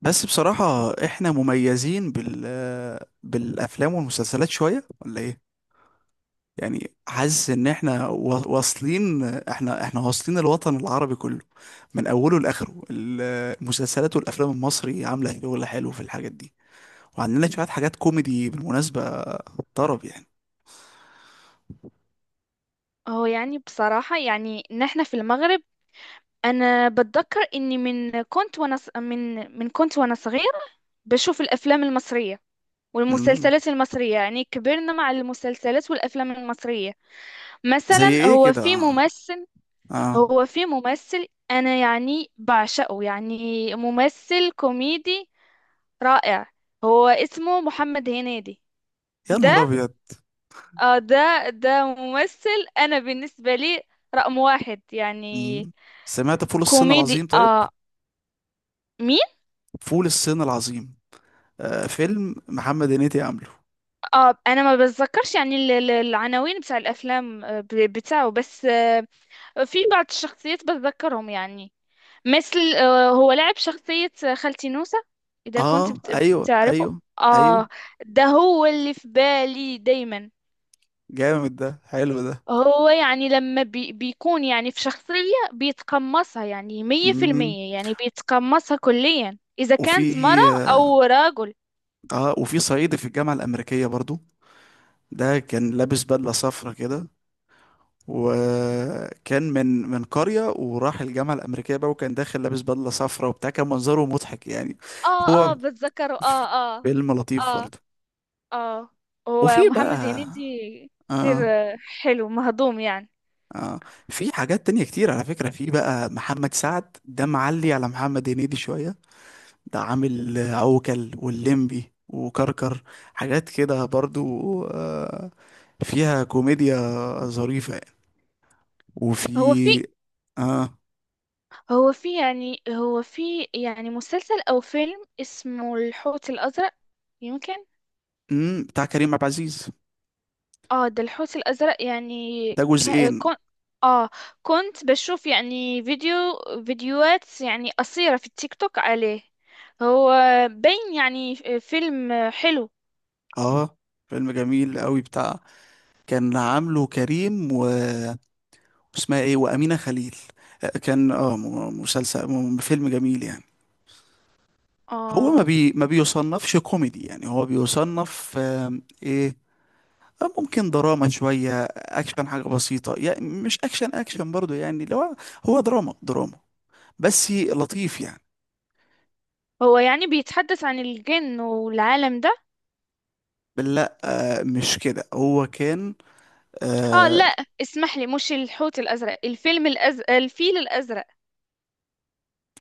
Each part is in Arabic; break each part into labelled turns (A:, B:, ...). A: بس بصراحة احنا مميزين بالافلام والمسلسلات شوية ولا ايه؟ يعني حاسس ان احنا وا- واصلين احنا احنا واصلين الوطن العربي كله من اوله لاخره المسلسلات والافلام المصري عاملة شغل حلو في الحاجات دي، وعندنا شوية حاجات كوميدي بالمناسبة، طرب يعني.
B: هو يعني بصراحة، يعني نحن في المغرب. أنا بتذكر إني من كنت وأنا صغير، بشوف الأفلام المصرية
A: امم
B: والمسلسلات المصرية. يعني كبرنا مع المسلسلات والأفلام المصرية.
A: زي
B: مثلا
A: ايه
B: هو
A: كده؟
B: في
A: اه،
B: ممثل
A: آه.
B: هو في ممثل أنا يعني بعشقه، يعني ممثل كوميدي رائع. هو اسمه محمد هنيدي.
A: يا
B: ده
A: نهار ابيض.
B: آه ده ده ممثل، أنا بالنسبة لي رقم واحد يعني.
A: مم. سمعت فول الصين
B: كوميدي،
A: العظيم؟ طيب،
B: آه. مين؟
A: فول الصين العظيم، آه فيلم محمد هنيدي عامله.
B: آه، انا ما بتذكرش يعني العناوين بتاع الافلام، بتاعه بس. في بعض الشخصيات بتذكرهم يعني، مثل هو لعب شخصية خالتي نوسة، اذا كنت
A: اه ايوه
B: بتعرفه.
A: ايوه. ايوه
B: اه، ده هو اللي في بالي دايما.
A: جامد، ده حلو ده.
B: هو يعني لما بيكون يعني في شخصية بيتقمصها، يعني مية في
A: امم
B: المية يعني بيتقمصها كليا، إذا
A: وفي،
B: كانت مرة أو رجل.
A: اه وفي صعيدي في الجامعه الامريكيه برضو. ده كان لابس بدله صفرا كده، وكان من قريه وراح الجامعه الامريكيه بقى، وكان داخل لابس بدله صفرا وبتاع، كان منظره مضحك يعني.
B: آه،
A: هو
B: آه، بتذكره. آه. آه.
A: فيلم لطيف
B: آه.
A: برضه.
B: اه،
A: وفي
B: هو محمد
A: بقى،
B: هنيدي
A: اه
B: كتير، حلو مهضوم يعني.
A: اه، في حاجات تانية كتير على فكره. في بقى محمد سعد، ده معلي على محمد هنيدي شويه. ده عامل عوكل واللمبي وكركر، حاجات كده برضو، آه، فيها كوميديا ظريفة يعني.
B: هو في
A: وفي، اه،
B: هو في مسلسل او فيلم اسمه الحوت الازرق، يمكن.
A: بتاع كريم عبد العزيز،
B: اه، ده الحوت الازرق يعني.
A: ده
B: ك-
A: جزئين.
B: كون اه كنت بشوف يعني فيديوهات يعني قصيرة في التيك توك عليه. هو بين يعني فيلم حلو.
A: اه فيلم جميل قوي بتاع، كان عامله كريم و، اسمها ايه، وأمينة خليل. آه، كان اه فيلم جميل يعني. هو
B: اه،
A: ما بيصنفش كوميدي يعني، هو بيصنف آم، ايه، ممكن دراما شوية، أكشن حاجة بسيطة يعني، مش أكشن أكشن برضو يعني، لو هو دراما دراما. بس لطيف يعني.
B: هو يعني بيتحدث عن الجن والعالم ده.
A: لا آه، مش كده، هو كان،
B: اه،
A: آه
B: لا، اسمح لي، مش الحوت الازرق، الفيل الازرق.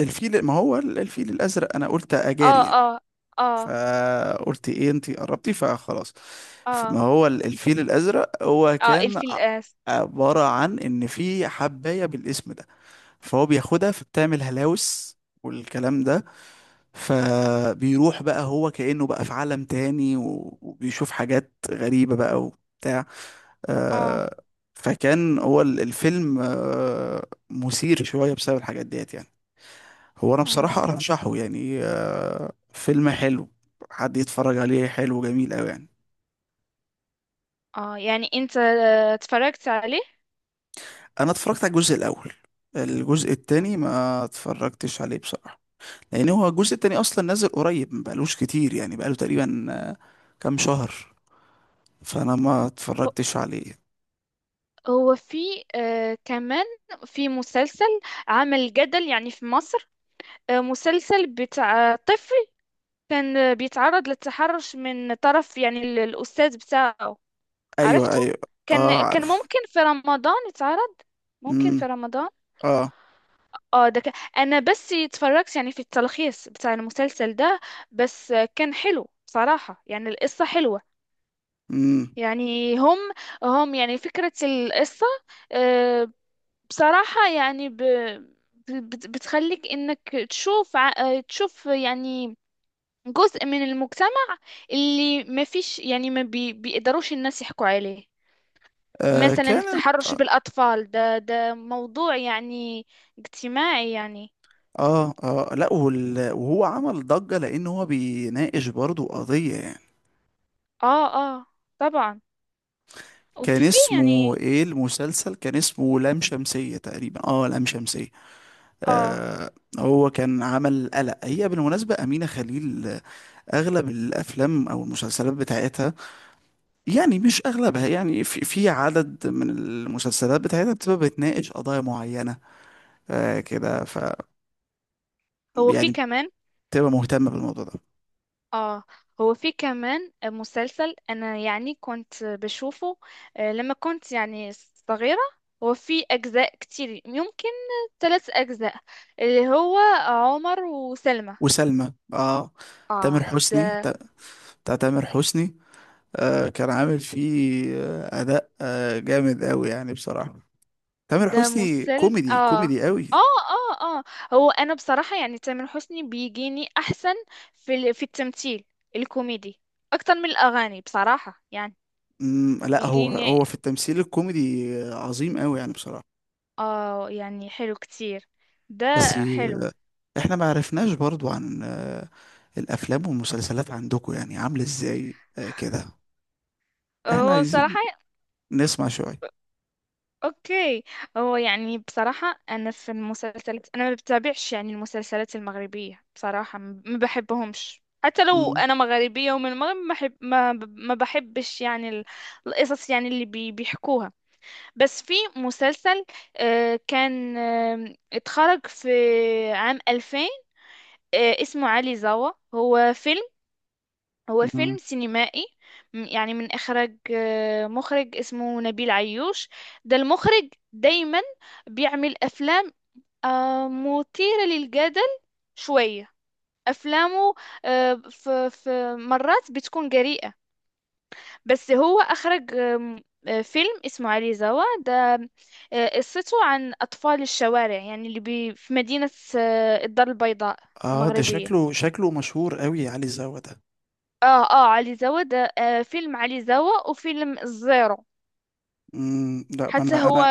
A: الفيل. ما هو الفيل الأزرق، أنا قلت
B: اه.
A: أجاري يعني.
B: اه. اه.
A: فقلت إيه، أنت قربتي فخلاص. ما
B: اه.
A: هو الفيل الأزرق، هو
B: اه.
A: كان
B: الفيل الازرق.
A: عبارة عن إن في حباية بالاسم ده، فهو بياخدها فبتعمل هلاوس والكلام ده. فبيروح بقى، هو كأنه بقى في عالم تاني وبيشوف حاجات غريبة بقى وبتاع،
B: اه،
A: آه، فكان هو الفيلم آه، مثير شوية بسبب الحاجات ديت يعني. هو أنا
B: اه،
A: بصراحة أرشحه يعني، آه، فيلم حلو، حد يتفرج عليه، حلو جميل أوي يعني.
B: يعني انت، اتفرجت عليه؟
A: أنا اتفرجت على الجزء الأول، الجزء التاني ما اتفرجتش عليه بصراحة. يعني هو الجزء التاني اصلا نازل قريب، ما بقالوش كتير يعني، بقاله تقريبا آه، كام شهر، فانا ما
B: هو
A: اتفرجتش عليه.
B: هو في، كمان، في مسلسل عمل جدل يعني في مصر، مسلسل بتاع طفل، كان بيتعرض للتحرش من طرف يعني الأستاذ بتاعه.
A: ايوه
B: عرفته؟
A: ايوه. اه
B: كان
A: عارف.
B: ممكن في رمضان يتعرض، ممكن
A: امم
B: في رمضان.
A: اه.
B: اه، ده كان، انا بس اتفرجت يعني في التلخيص بتاع المسلسل ده، بس كان حلو بصراحة، يعني القصة حلوة.
A: امم
B: يعني هم يعني فكرة القصة، آه، بصراحة يعني، بتخليك انك تشوف ع- آه، تشوف يعني جزء من المجتمع، اللي ما فيش يعني ما بيقدروش الناس يحكوا عليه.
A: آه
B: مثلا
A: كانت،
B: التحرش بالأطفال، ده موضوع يعني اجتماعي يعني.
A: اه اه، لا وال، وهو عمل ضجة لان هو بيناقش برضو قضية يعني.
B: اه، اه، طبعا.
A: كان
B: وفي
A: اسمه
B: يعني،
A: ايه المسلسل؟ كان اسمه لام شمسية تقريبا، اه لام شمسية.
B: اه
A: آه، هو كان عمل قلق. هي بالمناسبة أمينة خليل آه، أغلب الأفلام أو المسلسلات بتاعتها، يعني مش اغلبها يعني، في في عدد من المسلسلات بتاعتها بتبقى بتناقش قضايا معينه آه كده، ف
B: هو في
A: يعني
B: كمان
A: بتبقى مهتمه بالموضوع ده.
B: اه هو في كمان مسلسل، انا يعني كنت بشوفه، لما كنت يعني صغيرة. هو في اجزاء كتير، يمكن ثلاث اجزاء، اللي هو عمر وسلمى.
A: وسلمى، اه، تامر
B: اه،
A: حسني
B: ده
A: بتاع تامر حسني. آه كان عامل فيه آه اداء آه جامد قوي يعني بصراحه. تامر
B: ده
A: حسني
B: مسلسل.
A: كوميدي،
B: اه.
A: كوميدي قوي.
B: اه. اه. اه. هو انا بصراحة، يعني تامر حسني بيجيني احسن في في التمثيل الكوميدي اكتر من الاغاني بصراحة يعني.
A: لا، هو
B: بيجيني،
A: هو في التمثيل الكوميدي آه، عظيم قوي يعني بصراحه.
B: اه يعني حلو كتير ده،
A: بس
B: حلو.
A: آه، احنا ما عرفناش برضو عن آه، الافلام والمسلسلات عندكم يعني عامله ازاي آه كده، احنا
B: هو
A: عايزين
B: بصراحة،
A: نسمع شويه.
B: اوكي، هو يعني بصراحة انا في المسلسلات، انا ما بتابعش يعني المسلسلات المغربية بصراحة. ما بحبهمش، حتى لو
A: مم.
B: انا مغربية ومن المغرب. ما بحب، ما بحبش يعني القصص يعني اللي بيحكوها. بس في مسلسل كان اتخرج في عام 2000، اسمه علي زوا. هو فيلم هو
A: مم.
B: فيلم سينمائي، يعني من إخراج مخرج اسمه نبيل عيوش. ده المخرج دايما بيعمل أفلام مثيرة للجدل شوية. أفلامه آه، ف- ف- مرات بتكون جريئة. بس هو أخرج آم، آه، فيلم اسمه علي زوا ده، قصته عن أطفال الشوارع، يعني اللي في مدينة الدار البيضاء
A: اه ده
B: المغربية.
A: شكله شكله مشهور قوي علي زوا ده.
B: اه، اه، علي زوا ده، فيلم علي زوا وفيلم الزيرو.
A: مم. لا، ما
B: حتى
A: انا
B: هو،
A: انا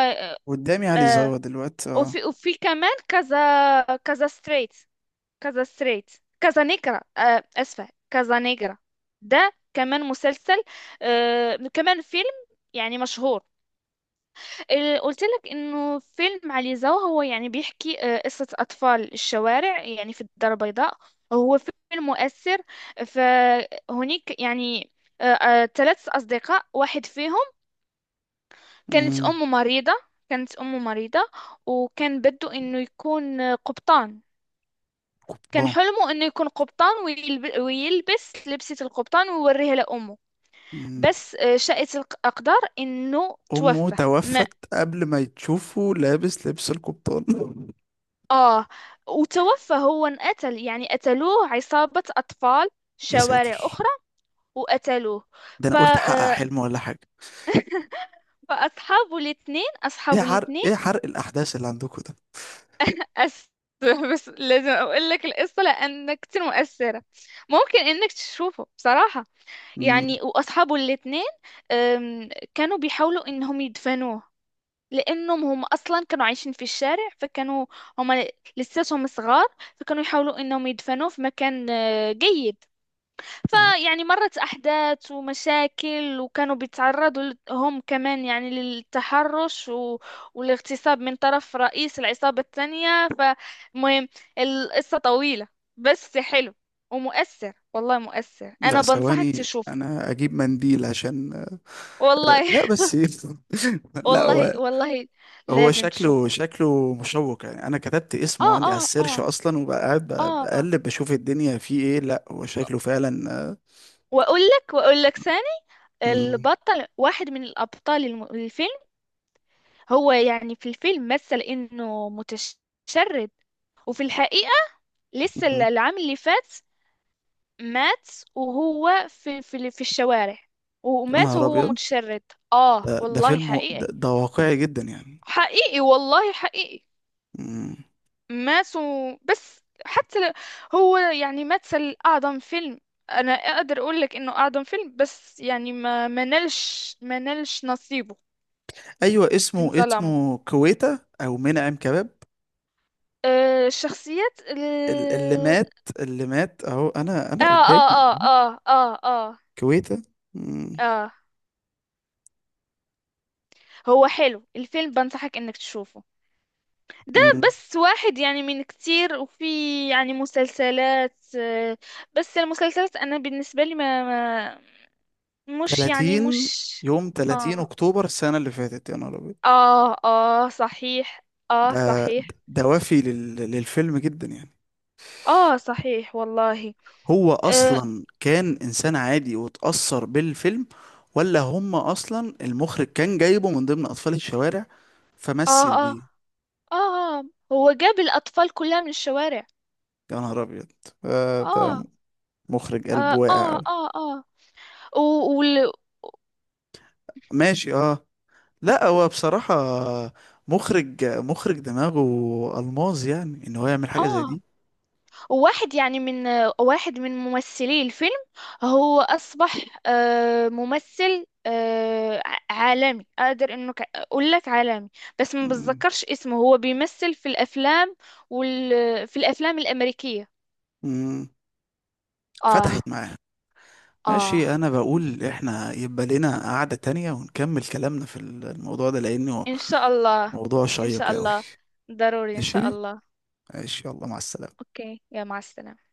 A: قدامي علي
B: آه
A: زوا دلوقتي اه.
B: وفي كمان كذا ستريت، كذا نيجرا. ده كمان مسلسل، كمان فيلم، يعني مشهور. قلت لك انه فيلم علي زو، هو يعني بيحكي قصة اطفال الشوارع يعني في الدار البيضاء. هو فيلم مؤثر. فهناك يعني ثلاث اصدقاء، واحد فيهم كانت
A: مم.
B: أمه مريضة كانت أمه مريضة وكان بده إنه يكون قبطان. كان
A: قبطان.
B: حلمه إنه يكون قبطان، ويلبس لبسة القبطان ويوريها لأمه.
A: مم.
B: بس شاءت الأقدار إنه
A: امه
B: توفى ما
A: توفت قبل ما يتشوفه لابس لبس القبطان.
B: آه وتوفى هو انقتل، يعني قتلوه عصابة أطفال
A: يا
B: شوارع
A: ساتر.
B: أخرى، وقتلوه.
A: ده
B: ف...
A: انا قلت احقق
B: آه،
A: حلم ولا حاجه.
B: فأصحابه الاثنين
A: ايه
B: أصحابه
A: حرق،
B: الاثنين
A: ايه حرق الاحداث اللي عندكم ده؟
B: أس بس لازم أقول لك القصة، لأن كتير مؤثرة، ممكن إنك تشوفه بصراحة.
A: مم.
B: يعني وأصحابه الاتنين أم، كانوا بيحاولوا إنهم يدفنوه، لأنهم هم أصلا كانوا عايشين في الشارع. فكانوا هم لساتهم صغار، فكانوا يحاولوا إنهم يدفنوه في مكان جيد.
A: آه.
B: فيعني مرت أحداث ومشاكل، وكانوا بيتعرضوا هم كمان يعني للتحرش والاغتصاب من طرف رئيس العصابة الثانية. فمهم، القصة طويلة، بس حلو ومؤثر، والله مؤثر،
A: لا
B: أنا بنصحك
A: ثواني
B: تشوفه.
A: انا اجيب منديل عشان.
B: والله.
A: لا بس لا
B: والله
A: هو،
B: والله
A: هو
B: لازم
A: شكله
B: تشوفه.
A: شكله مشوق يعني، انا كتبت اسمه
B: آه.
A: عندي على
B: آه.
A: السيرش
B: آه.
A: اصلا، وبقى قاعد
B: آه.
A: بقلب بشوف الدنيا فيه ايه، لا هو شكله فعلا آه،.
B: وأقول لك ثاني:
A: مم،
B: البطل، واحد من الأبطال الفيلم، هو يعني في الفيلم مثل انه متشرد. وفي الحقيقة، لسه
A: مم.
B: العام اللي فات مات، وهو في في الشوارع،
A: يا
B: ومات
A: نهار
B: وهو
A: ابيض.
B: متشرد. اه،
A: ده
B: والله
A: فيلم ده,
B: حقيقي.
A: ده واقعي جدا يعني.
B: حقيقي والله، حقيقي.
A: مم.
B: مات، بس حتى هو يعني مثل اعظم فيلم. انا اقدر اقول لك انه اعظم فيلم، بس يعني ما نالش نصيبه.
A: ايوه اسمه،
B: انظلموا
A: اسمه كويتا او منعم كباب.
B: الشخصيات.
A: اللي مات، اللي مات اهو، انا
B: اه.
A: انا قدامي
B: اه. اه. اه. اه. اه.
A: كويتا. مم،
B: اه. هو حلو الفيلم، بنصحك انك تشوفه ده،
A: مم.
B: بس واحد يعني من كتير. وفي يعني مسلسلات، بس المسلسلات انا بالنسبة لي ما، مش يعني مش.
A: 30 يوم 30
B: اه.
A: اكتوبر السنه اللي فاتت، يا نهار ابيض.
B: اه. اه، صحيح. اه،
A: ده
B: صحيح.
A: ده وافي للفيلم جدا يعني.
B: اه، صحيح والله.
A: هو
B: اه.
A: اصلا كان انسان عادي واتأثر بالفيلم، ولا هم اصلا المخرج كان جايبه من ضمن اطفال الشوارع
B: اه.
A: فمثل
B: اه،
A: بيه؟
B: آه. آه. هو جاب الاطفال كلها من الشوارع.
A: يا نهار ابيض. آه، ده
B: اه.
A: مخرج قلبه
B: اه.
A: واقع
B: اه.
A: أوي.
B: اه، آه. و... وال...
A: ماشي اه. لا هو بصراحة مخرج، مخرج دماغه ألماظ يعني ان هو يعمل حاجة زي
B: اه،
A: دي.
B: واحد يعني من واحد من ممثلي الفيلم، هو أصبح ممثل عالمي، أقدر إنه أقول لك عالمي. بس ما
A: مم.
B: بتذكرش اسمه. هو بيمثل في الأفلام في الأفلام الأمريكية.
A: مم.
B: آه.
A: فتحت معاه.
B: آه.
A: ماشي، انا بقول احنا يبقى لنا قعدة تانية ونكمل كلامنا في الموضوع ده لانه
B: إن شاء الله.
A: موضوع
B: إن شاء
A: شيق قوي.
B: الله، ضروري إن شاء
A: ماشي،
B: الله.
A: ماشي يلا مع السلامة.
B: أوكي، يا مع السلامة.